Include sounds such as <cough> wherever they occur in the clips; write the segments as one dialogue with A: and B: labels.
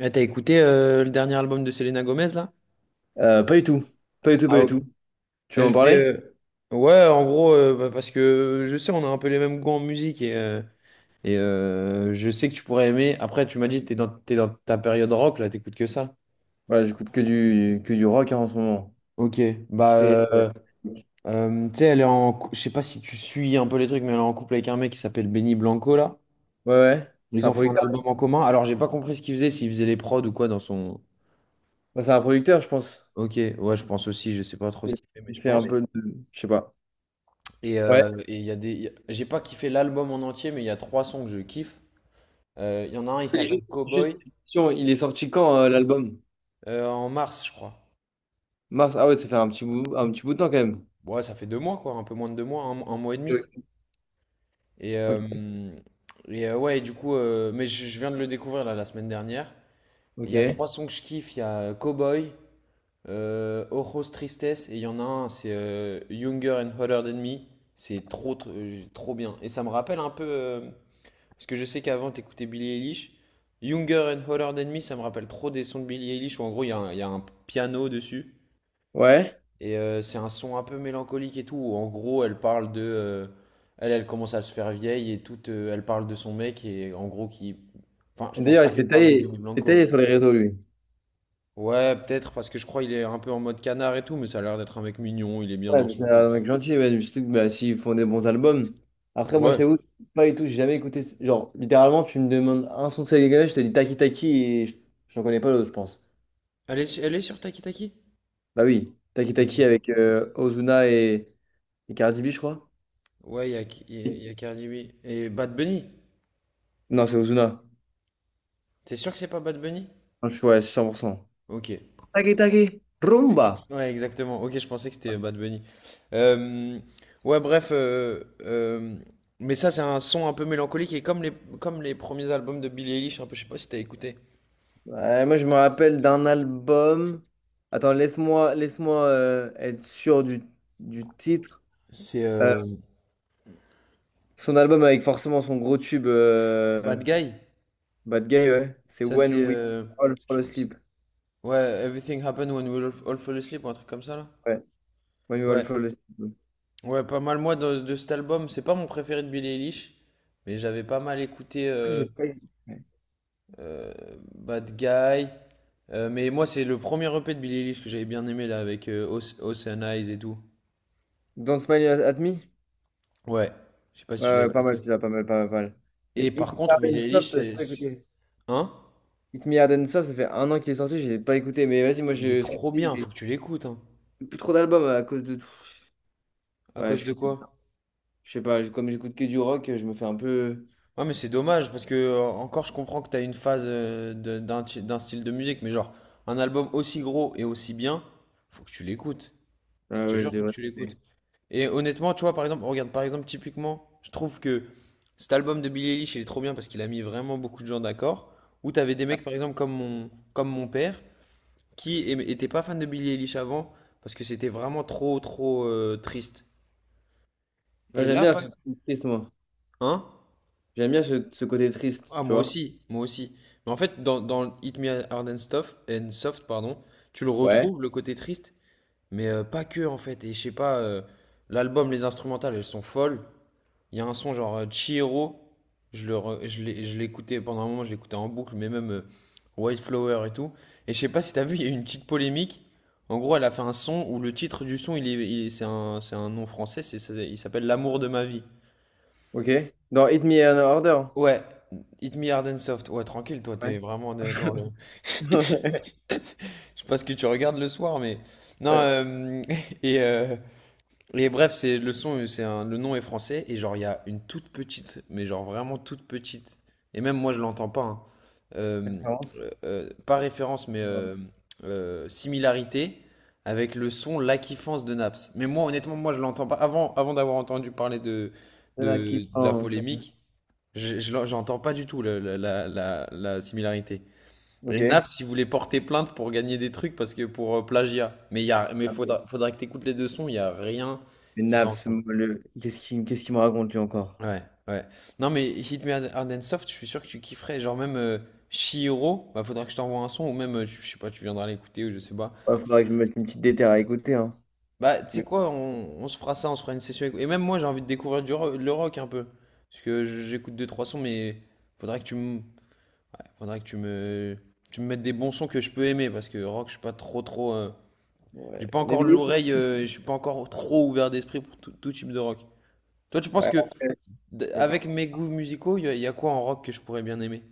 A: Ah, t'as écouté le dernier album de Selena Gomez là?
B: Pas du tout. Pas du tout, pas
A: Ah,
B: du
A: ok.
B: tout. Tu veux
A: Elle
B: en
A: fait.
B: parler?
A: Ouais, en gros, parce que je sais, on a un peu les mêmes goûts en musique et je sais que tu pourrais aimer. Après, tu m'as dit, t'es dans ta période rock là, t'écoutes que ça.
B: Voilà, j'écoute que du rock hein, en ce moment.
A: Ok, bah,
B: Très-
A: euh,
B: Ouais,
A: tu sais, elle est en. Je sais pas si tu suis un peu les trucs, mais elle est en couple avec un mec qui s'appelle Benny Blanco là.
B: ouais. C'est
A: Ils
B: un
A: ont fait un
B: producteur.
A: album en commun. Alors, j'ai pas compris ce qu'ils faisaient, s'ils faisaient les prods ou quoi dans son.
B: Bah, c'est un producteur, je pense.
A: Ok, ouais, je pense aussi, je sais pas trop ce
B: Il
A: qu'il fait, mais
B: il
A: je
B: fait un
A: pense.
B: peu de. Je sais pas.
A: Et
B: Ouais.
A: euh, et il y a des. J'ai pas kiffé l'album en entier, mais il y a trois sons que je kiffe. Il y en a un, il s'appelle
B: Juste, juste
A: Cowboy,
B: une question, il est sorti quand l'album?
A: en mars, je crois.
B: Mars. Ah ouais, ça fait un petit bout de temps quand même.
A: Ouais, ça fait deux mois, quoi, un peu moins de deux mois, un mois et demi. Et, euh,
B: Ok.
A: et ouais, du coup, je viens de le découvrir là, la semaine dernière. Il
B: Ok.
A: y a trois sons que je kiffe, il y a Cowboy, Ojos Tristesse, et il y en a un, c'est Younger and Hotter Than Me. C'est trop bien. Et ça me rappelle un peu. Parce que je sais qu'avant, t'écoutais Billie Eilish. Younger and Hotter Than Me, ça me rappelle trop des sons de Billie Eilish où en gros, il y a un piano dessus.
B: Ouais.
A: C'est un son un peu mélancolique et tout. Où en gros, elle parle de. Elle commence à se faire vieille et tout. Elle parle de son mec et en gros, qui. Enfin, je pense
B: D'ailleurs,
A: pas qu'elle parle de Benny
B: il s'est
A: Blanco.
B: taillé sur les réseaux, lui.
A: Ouais, peut-être parce que je crois qu'il est un peu en mode canard et tout, mais ça a l'air d'être un mec mignon, il est bien
B: Ouais,
A: dans
B: mais
A: son
B: c'est un
A: couple.
B: mec gentil, ouais, surtout que bah, s'ils font des bons albums. Après, moi, je
A: Ouais.
B: t'avoue, pas et tout, j'ai jamais écouté. Genre, littéralement, tu me demandes un son de Selena Gomez, je te dis Taki Taki et j'en connais pas l'autre, je pense.
A: Elle est, elle est sur Taki Taki?
B: Bah oui, Taki
A: Ok.
B: Taki avec Ozuna et Cardi B, je crois.
A: Ouais, il y a, il y a- il y a Cardi B. Et Bad Bunny.
B: Non, c'est Ozuna.
A: T'es sûr que c'est pas Bad Bunny?
B: Je suis ouais, cent pour cent.
A: Ok.
B: Taki Taki,
A: Ok.
B: Rumba.
A: Ouais, exactement. Ok, je pensais que c'était Bad Bunny. Euh, ouais, bref. Mais ça, c'est un son un peu mélancolique et comme comme les premiers albums de Billie Eilish, un peu, je sais pas si t'as écouté.
B: Ouais, moi, je me rappelle d'un album. Attends, laisse-moi être sûr du titre.
A: C'est
B: Euh, Son album avec forcément son gros tube.
A: Bad Guy.
B: Bad Guy, ouais. C'est
A: Ça, c'est.
B: When We All
A: Je
B: Fall
A: crois que c'est.
B: Asleep.
A: Ouais, Everything Happened When We All All Fell Asleep ou un truc comme ça, là.
B: Ouais. When We All
A: Ouais.
B: Fall Asleep, ouais.
A: Ouais, pas mal. Moi, de cet album, c'est pas mon préféré de Billie Eilish, mais j'avais pas mal écouté.
B: Après, j'ai pas eu. Ouais.
A: Euh, Bad Guy. Mais moi, c'est le premier EP de Billie Eilish que j'avais bien aimé là avec Ocean Eyes et tout.
B: Don't Smile at Me?
A: Ouais, je sais pas
B: Ouais,
A: si tu l'as
B: ouais, pas mal,
A: écouté.
B: celui-là, pas mal, pas mal, pas mal.
A: Et
B: Mais Hit
A: par
B: Me
A: contre,
B: Hard
A: Billie
B: and
A: Eilish,
B: Soft, j'ai pas
A: c'est-
B: écouté.
A: hein?
B: Hit Me Hard and Soft, ça fait un an qu'il est sorti, j'ai pas écouté. Mais vas-y, moi,
A: Il est
B: je, ce que
A: trop
B: je
A: bien,
B: dis,
A: faut que tu l'écoutes. Hein.
B: j'ai plus trop d'albums à cause de tout.
A: À
B: Ouais,
A: cause
B: je
A: de
B: suis.
A: quoi?
B: Je sais pas, comme j'écoute que du rock, je me fais un peu.
A: Ouais, mais c'est dommage parce que encore, je comprends que t'as une phase d'un style de musique, mais genre un album aussi gros et aussi bien, faut que tu l'écoutes.
B: Ouais,
A: Je te
B: ouais, je
A: jure, faut que
B: devrais
A: tu l'écoutes.
B: écouter.
A: Et honnêtement, tu vois, par exemple, regarde, par exemple, typiquement, je trouve que cet album de Billie Eilish, il est trop bien parce qu'il a mis vraiment beaucoup de gens d'accord. Où t'avais des mecs, par exemple, comme mon père, étaient pas fan de Billie Eilish avant parce que c'était vraiment trop triste.
B: Moi,
A: Et
B: j'aime
A: là,
B: bien
A: pas...
B: ce côté triste, moi.
A: Hein?
B: J'aime bien ce, ce côté triste,
A: Ah,
B: tu vois.
A: moi aussi. Mais en fait, dans Hit Me Hard and Soft, pardon, tu le
B: Ouais.
A: retrouves, le côté triste, mais pas que, en fait. Et je sais pas, l'album, les instrumentales, elles sont folles. Il y a un son genre Chihiro, je l'écoutais pendant un moment, je l'écoutais en boucle, mais même White Flower et tout. Et je sais pas si t'as vu, il y a eu une petite polémique. En gros, elle a fait un son où le titre du son, il est- c'est un nom français, il s'appelle L'amour de ma vie.
B: Ok. Dans Hit Me in Order.
A: Ouais, Hit Me Hard and Soft. Ouais, tranquille, toi,
B: Ouais.
A: dans le. <laughs>
B: <laughs>
A: Je sais pas ce que tu regardes le soir, mais. Non,
B: Euh,
A: <laughs> et, euh, Et bref, c'est le son, c'est un- le nom est français et genre il y a une toute petite, mais genre vraiment toute petite. Et même moi je l'entends pas. Hein. Euh,
B: préférence.
A: pas référence, mais
B: Euh,
A: similarité avec le son La Kiffance de Naps. Mais moi honnêtement, moi je l'entends pas. Avant d'avoir entendu parler
B: C'est là qui
A: de la
B: pense.
A: polémique, j'entends pas du tout la similarité. Les nappes,
B: Ok.
A: si vous voulez porter plainte pour gagner des trucs, parce que pour plagiat. Mais
B: Ah ben,
A: faudra que t'écoutes les deux sons, il y a rien
B: les
A: qui va
B: naps,
A: ensemble.
B: moi, le... qu'est-ce qu'il me raconte lui encore?
A: Ouais, ouais. Non, mais Hit Me Hard and Soft, je suis sûr que tu kifferais. Genre même Chihiro, bah faudra que je t'envoie un son, ou même, je sais pas, tu viendras l'écouter, ou je sais pas.
B: Il faudrait que je me mette une petite déterre à écouter. Hein.
A: Bah, tu sais
B: Mais,
A: quoi, on se fera ça, on se fera une session. Et même moi, j'ai envie de découvrir le rock un peu. Parce que j'écoute deux, trois sons, mais faudra que tu me, faudra que tu me mettes des bons sons que je peux aimer, parce que rock, je suis pas trop,
B: ouais.
A: J'ai pas
B: Mais,
A: encore l'oreille, je suis pas encore trop ouvert d'esprit pour tout type de rock. Toi, tu penses
B: ouais,
A: que,
B: après,
A: d- avec
B: d'accord.
A: mes goûts musicaux, y a quoi en rock que je pourrais bien aimer?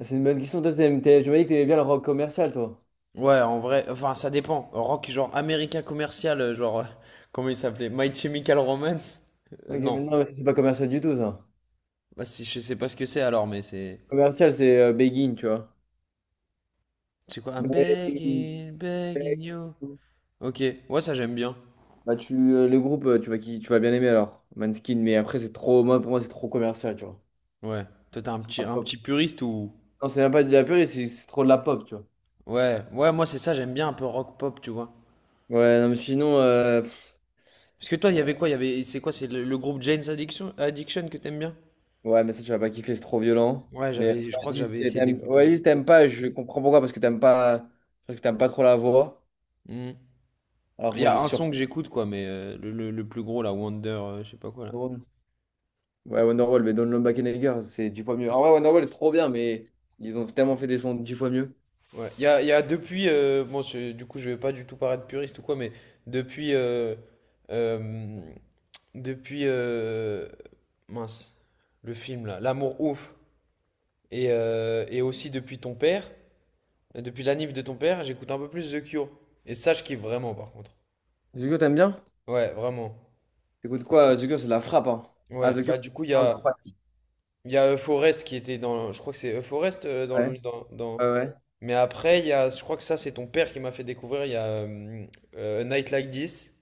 B: C'est une bonne question. Toi, je me dis que t'aimais bien le rock commercial, toi.
A: Ouais, en vrai, enfin, ça dépend. Rock genre américain commercial, <laughs> comment il s'appelait? My Chemical Romance?
B: Ouais, ok,
A: Non.
B: mais non, mais c'est pas commercial du tout, ça.
A: Bah, si, je sais pas ce que c'est alors, mais c'est.
B: Commercial, c'est Begin, tu vois.
A: C'est quoi? I'm
B: Begin,
A: begging, begging you.
B: Begin.
A: Ok, ouais, ça j'aime bien.
B: Bah, tu, le groupe, tu vas, qui, tu vas bien aimer alors. Manskin, mais après, c'est trop. Moi, pour moi, c'est trop commercial, tu
A: Ouais. Toi, t'es un
B: vois.
A: petit puriste ou.
B: Non, c'est même pas de la purée, c'est trop de la pop, tu vois.
A: Ouais, ouais, moi c'est ça, j'aime bien un peu rock pop, tu vois.
B: Ouais, non, mais sinon,
A: Parce que toi, il y avait quoi? Il y avait, c'est quoi? C'est le groupe Jane's Addiction que t'aimes bien?
B: ouais, mais ça, tu vas pas kiffer, c'est trop violent.
A: Ouais,
B: Mais
A: j'avais, je crois que
B: Oasis,
A: j'avais essayé d'écouter.
B: Oasis, t'aimes pas, je comprends pourquoi, parce que t'aimes pas, parce que t'aimes pas trop la voix.
A: Hmm.
B: Alors
A: Il
B: que
A: y
B: moi, je
A: a un
B: suis
A: son
B: surpris.
A: que j'écoute, quoi, mais le plus gros, là, Wonder, je sais pas quoi, là.
B: Ouais, Wonderwall, mais Don't Look Back in Anger, c'est dix fois mieux. Ah ouais, Wonderwall, c'est trop bien, mais ils ont tellement fait des sons dix fois mieux.
A: Ouais, il y a depuis, bon, du coup, je vais pas du tout paraître puriste ou quoi, mais depuis, euh, euh, depuis, euh, mince, le film, là, L'amour ouf, et aussi depuis ton père, depuis la nif de ton père, j'écoute un peu plus The Cure. Et ça, je kiffe vraiment, par contre.
B: The Cure, t'aimes bien?
A: Ouais, vraiment.
B: T'écoutes quoi? The Cure, c'est de la frappe, hein. Ah,
A: Ouais,
B: The Cure,
A: bah du coup,
B: c'est incroyable.
A: il y a Euforest qui était dans. Je crois que c'est Euforest dans,
B: Ouais,
A: le- dans,
B: ouais,
A: dans-
B: ouais.
A: Mais après, il y a. Je crois que ça, c'est ton père qui m'a fait découvrir. Il y a A Night Like This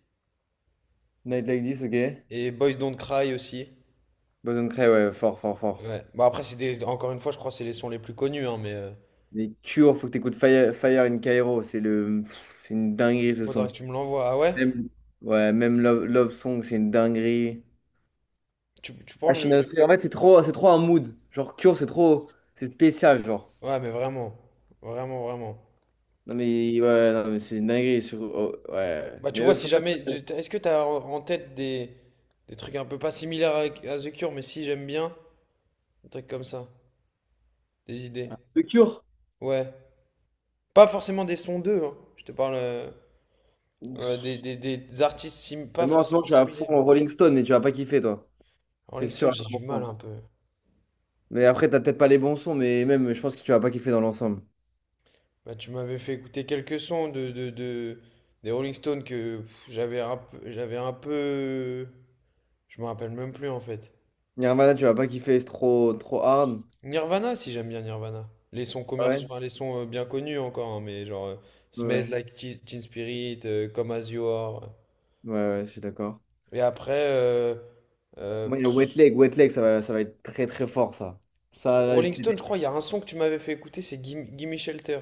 B: Night Like This, ok.
A: et Boys Don't Cry aussi.
B: Boys Don't Cry, ouais, fort, fort, fort.
A: Ouais. Bah après, c'est des... encore une fois, je crois que c'est les sons les plus connus, hein, mais
B: Les Cure, faut que t'écoutes Fire, Fire in Cairo, c'est le, c'est une dinguerie ce
A: faudra que
B: son.
A: tu me l'envoies. Ah ouais?
B: Même, ouais, même Love, Love Song, c'est une dinguerie.
A: Tu pourras me
B: Machine à
A: le.
B: Sweat, en fait, c'est trop un mood. Genre Cure, c'est trop, c'est spécial, genre.
A: Ouais, mais vraiment. Vraiment.
B: Non mais ouais, non mais c'est une dinguerie. Sur, oh, ouais,
A: Bah tu
B: mais
A: vois, si
B: faut pas que
A: jamais. Est-ce que t'as en tête des trucs un peu pas similaires à The Cure, mais si j'aime bien? Des trucs comme ça. Des idées.
B: le Cure.
A: Ouais. Pas forcément des sons d'eux, hein. Je te parle
B: Ouf.
A: des artistes pas
B: Mais moi en ce moment,
A: forcément
B: je suis à fond
A: similaires.
B: en
A: Mais
B: Rolling Stone et tu vas pas kiffer, toi.
A: Rolling
B: C'est sûr
A: Stone,
B: à
A: j'ai du mal
B: 100%.
A: un peu.
B: Mais après, t'as peut-être pas les bons sons, mais même, je pense que tu vas pas kiffer dans l'ensemble.
A: Bah, tu m'avais fait écouter quelques sons des Rolling Stones que pff, j'avais un peu... Je me rappelle même plus en fait.
B: Nirvana, tu vas pas kiffer, c'est trop, trop hard.
A: Nirvana, si j'aime bien Nirvana. Les sons
B: Ah
A: commerciaux,
B: ouais.
A: enfin, les sons bien connus encore, hein, mais genre Smells
B: Ouais,
A: Like Teen Spirit, Come As You Are.
B: ouais, ouais, je suis d'accord.
A: Et après, euh,
B: Moi, il y a Wet Leg. Wet Leg, ça va être très très fort, ça. Ça, là,
A: Rolling
B: c'était-
A: Stone, je crois, il y a un son que tu m'avais fait écouter, c'est Gimme Gimme Shelter.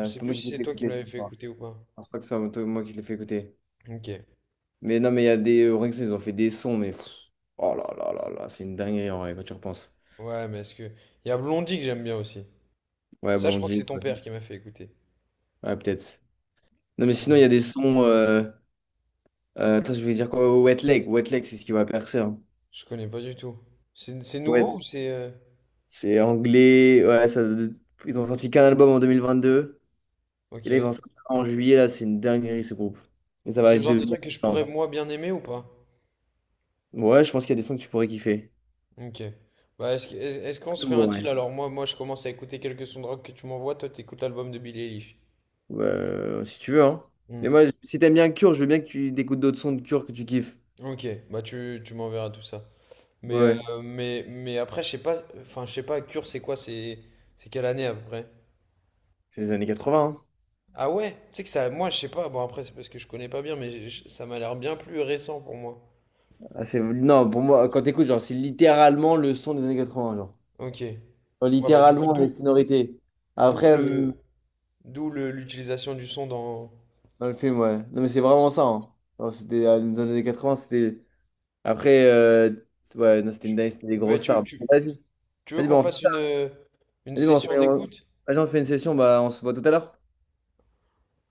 A: Je
B: c'est
A: sais
B: pas
A: plus
B: moi qui
A: si
B: l'ai
A: c'est
B: fait
A: toi qui me
B: écouter,
A: l'avais
B: je
A: fait
B: crois.
A: écouter ou pas.
B: Je crois que moi qui l'ai fait écouter.
A: Ok.
B: Mais non, mais il y a des. Orelsan, ils ont fait des sons, mais, pff, oh là là là là, c'est une dinguerie en vrai, quand tu repenses.
A: Ouais, mais est-ce que. Il y a Blondie que j'aime bien aussi.
B: Ouais,
A: Ça, je crois que c'est
B: Blondie.
A: ton père
B: Ouais,
A: qui m'a fait écouter.
B: ouais, peut-être. Non, mais sinon, il y
A: Mais
B: a des sons. Attends, je vais dire quoi? Wet Leg. Wet Leg, c'est ce qui va percer, hein.
A: je connais pas du tout. C'est nouveau
B: Ouais,
A: ou c'est.
B: c'est anglais. Ouais, ça... Ils ont sorti qu'un album en 2022. Et
A: Ok.
B: là, ils vont en sortir un en juillet, là, c'est une dinguerie, ce groupe. Et ça
A: C'est
B: va
A: le genre de
B: devenir.
A: truc que je pourrais moi bien aimer ou pas?
B: Ouais, je pense qu'il y a des sons que tu pourrais kiffer.
A: Ok. Bah, est-ce qu'on se fait un deal
B: Ouais.
A: alors? Moi, je commence à écouter quelques sons de rock que tu m'envoies. Toi, t'écoutes l'album de Billie Eilish.
B: Si tu veux, hein.
A: Hmm.
B: Mais moi, si t'aimes bien Cure, je veux bien que tu écoutes d'autres sons de Cure que tu kiffes.
A: Ok. Bah, tu m'enverras tout ça.
B: Ouais,
A: Mais,
B: ouais.
A: euh, mais, mais après, je sais pas. Enfin, je sais pas, Cure, c'est quoi? C'est quelle année à peu près?
B: C'est les années 80, hein.
A: Ah ouais? Tu sais que ça, moi, je sais pas. Bon, après, c'est parce que je connais pas bien, mais ça m'a l'air bien plus récent pour moi.
B: Ah, c'est... Non, pour moi, quand t'écoutes, genre, c'est littéralement le son des années 80, genre.
A: Ok.
B: Genre,
A: Ouais, bah,
B: littéralement les sonorités.
A: d'où
B: Après,
A: le, d'où l'utilisation du son dans.
B: dans le film, ouais. Non, mais c'est vraiment ça, hein. Genre, c'était dans les années 80, c'était... Après, ouais, non, c'était une dingue, c'était des
A: Bah,
B: grosses
A: tu,
B: stars.
A: tu,
B: Vas-y,
A: tu veux
B: vas-y, bah,
A: qu'on
B: on fait...
A: fasse une
B: Vas-y, bah, on
A: session
B: fait...
A: d'écoute?
B: Vas-y, on fait une session, bah, on se voit tout à l'heure.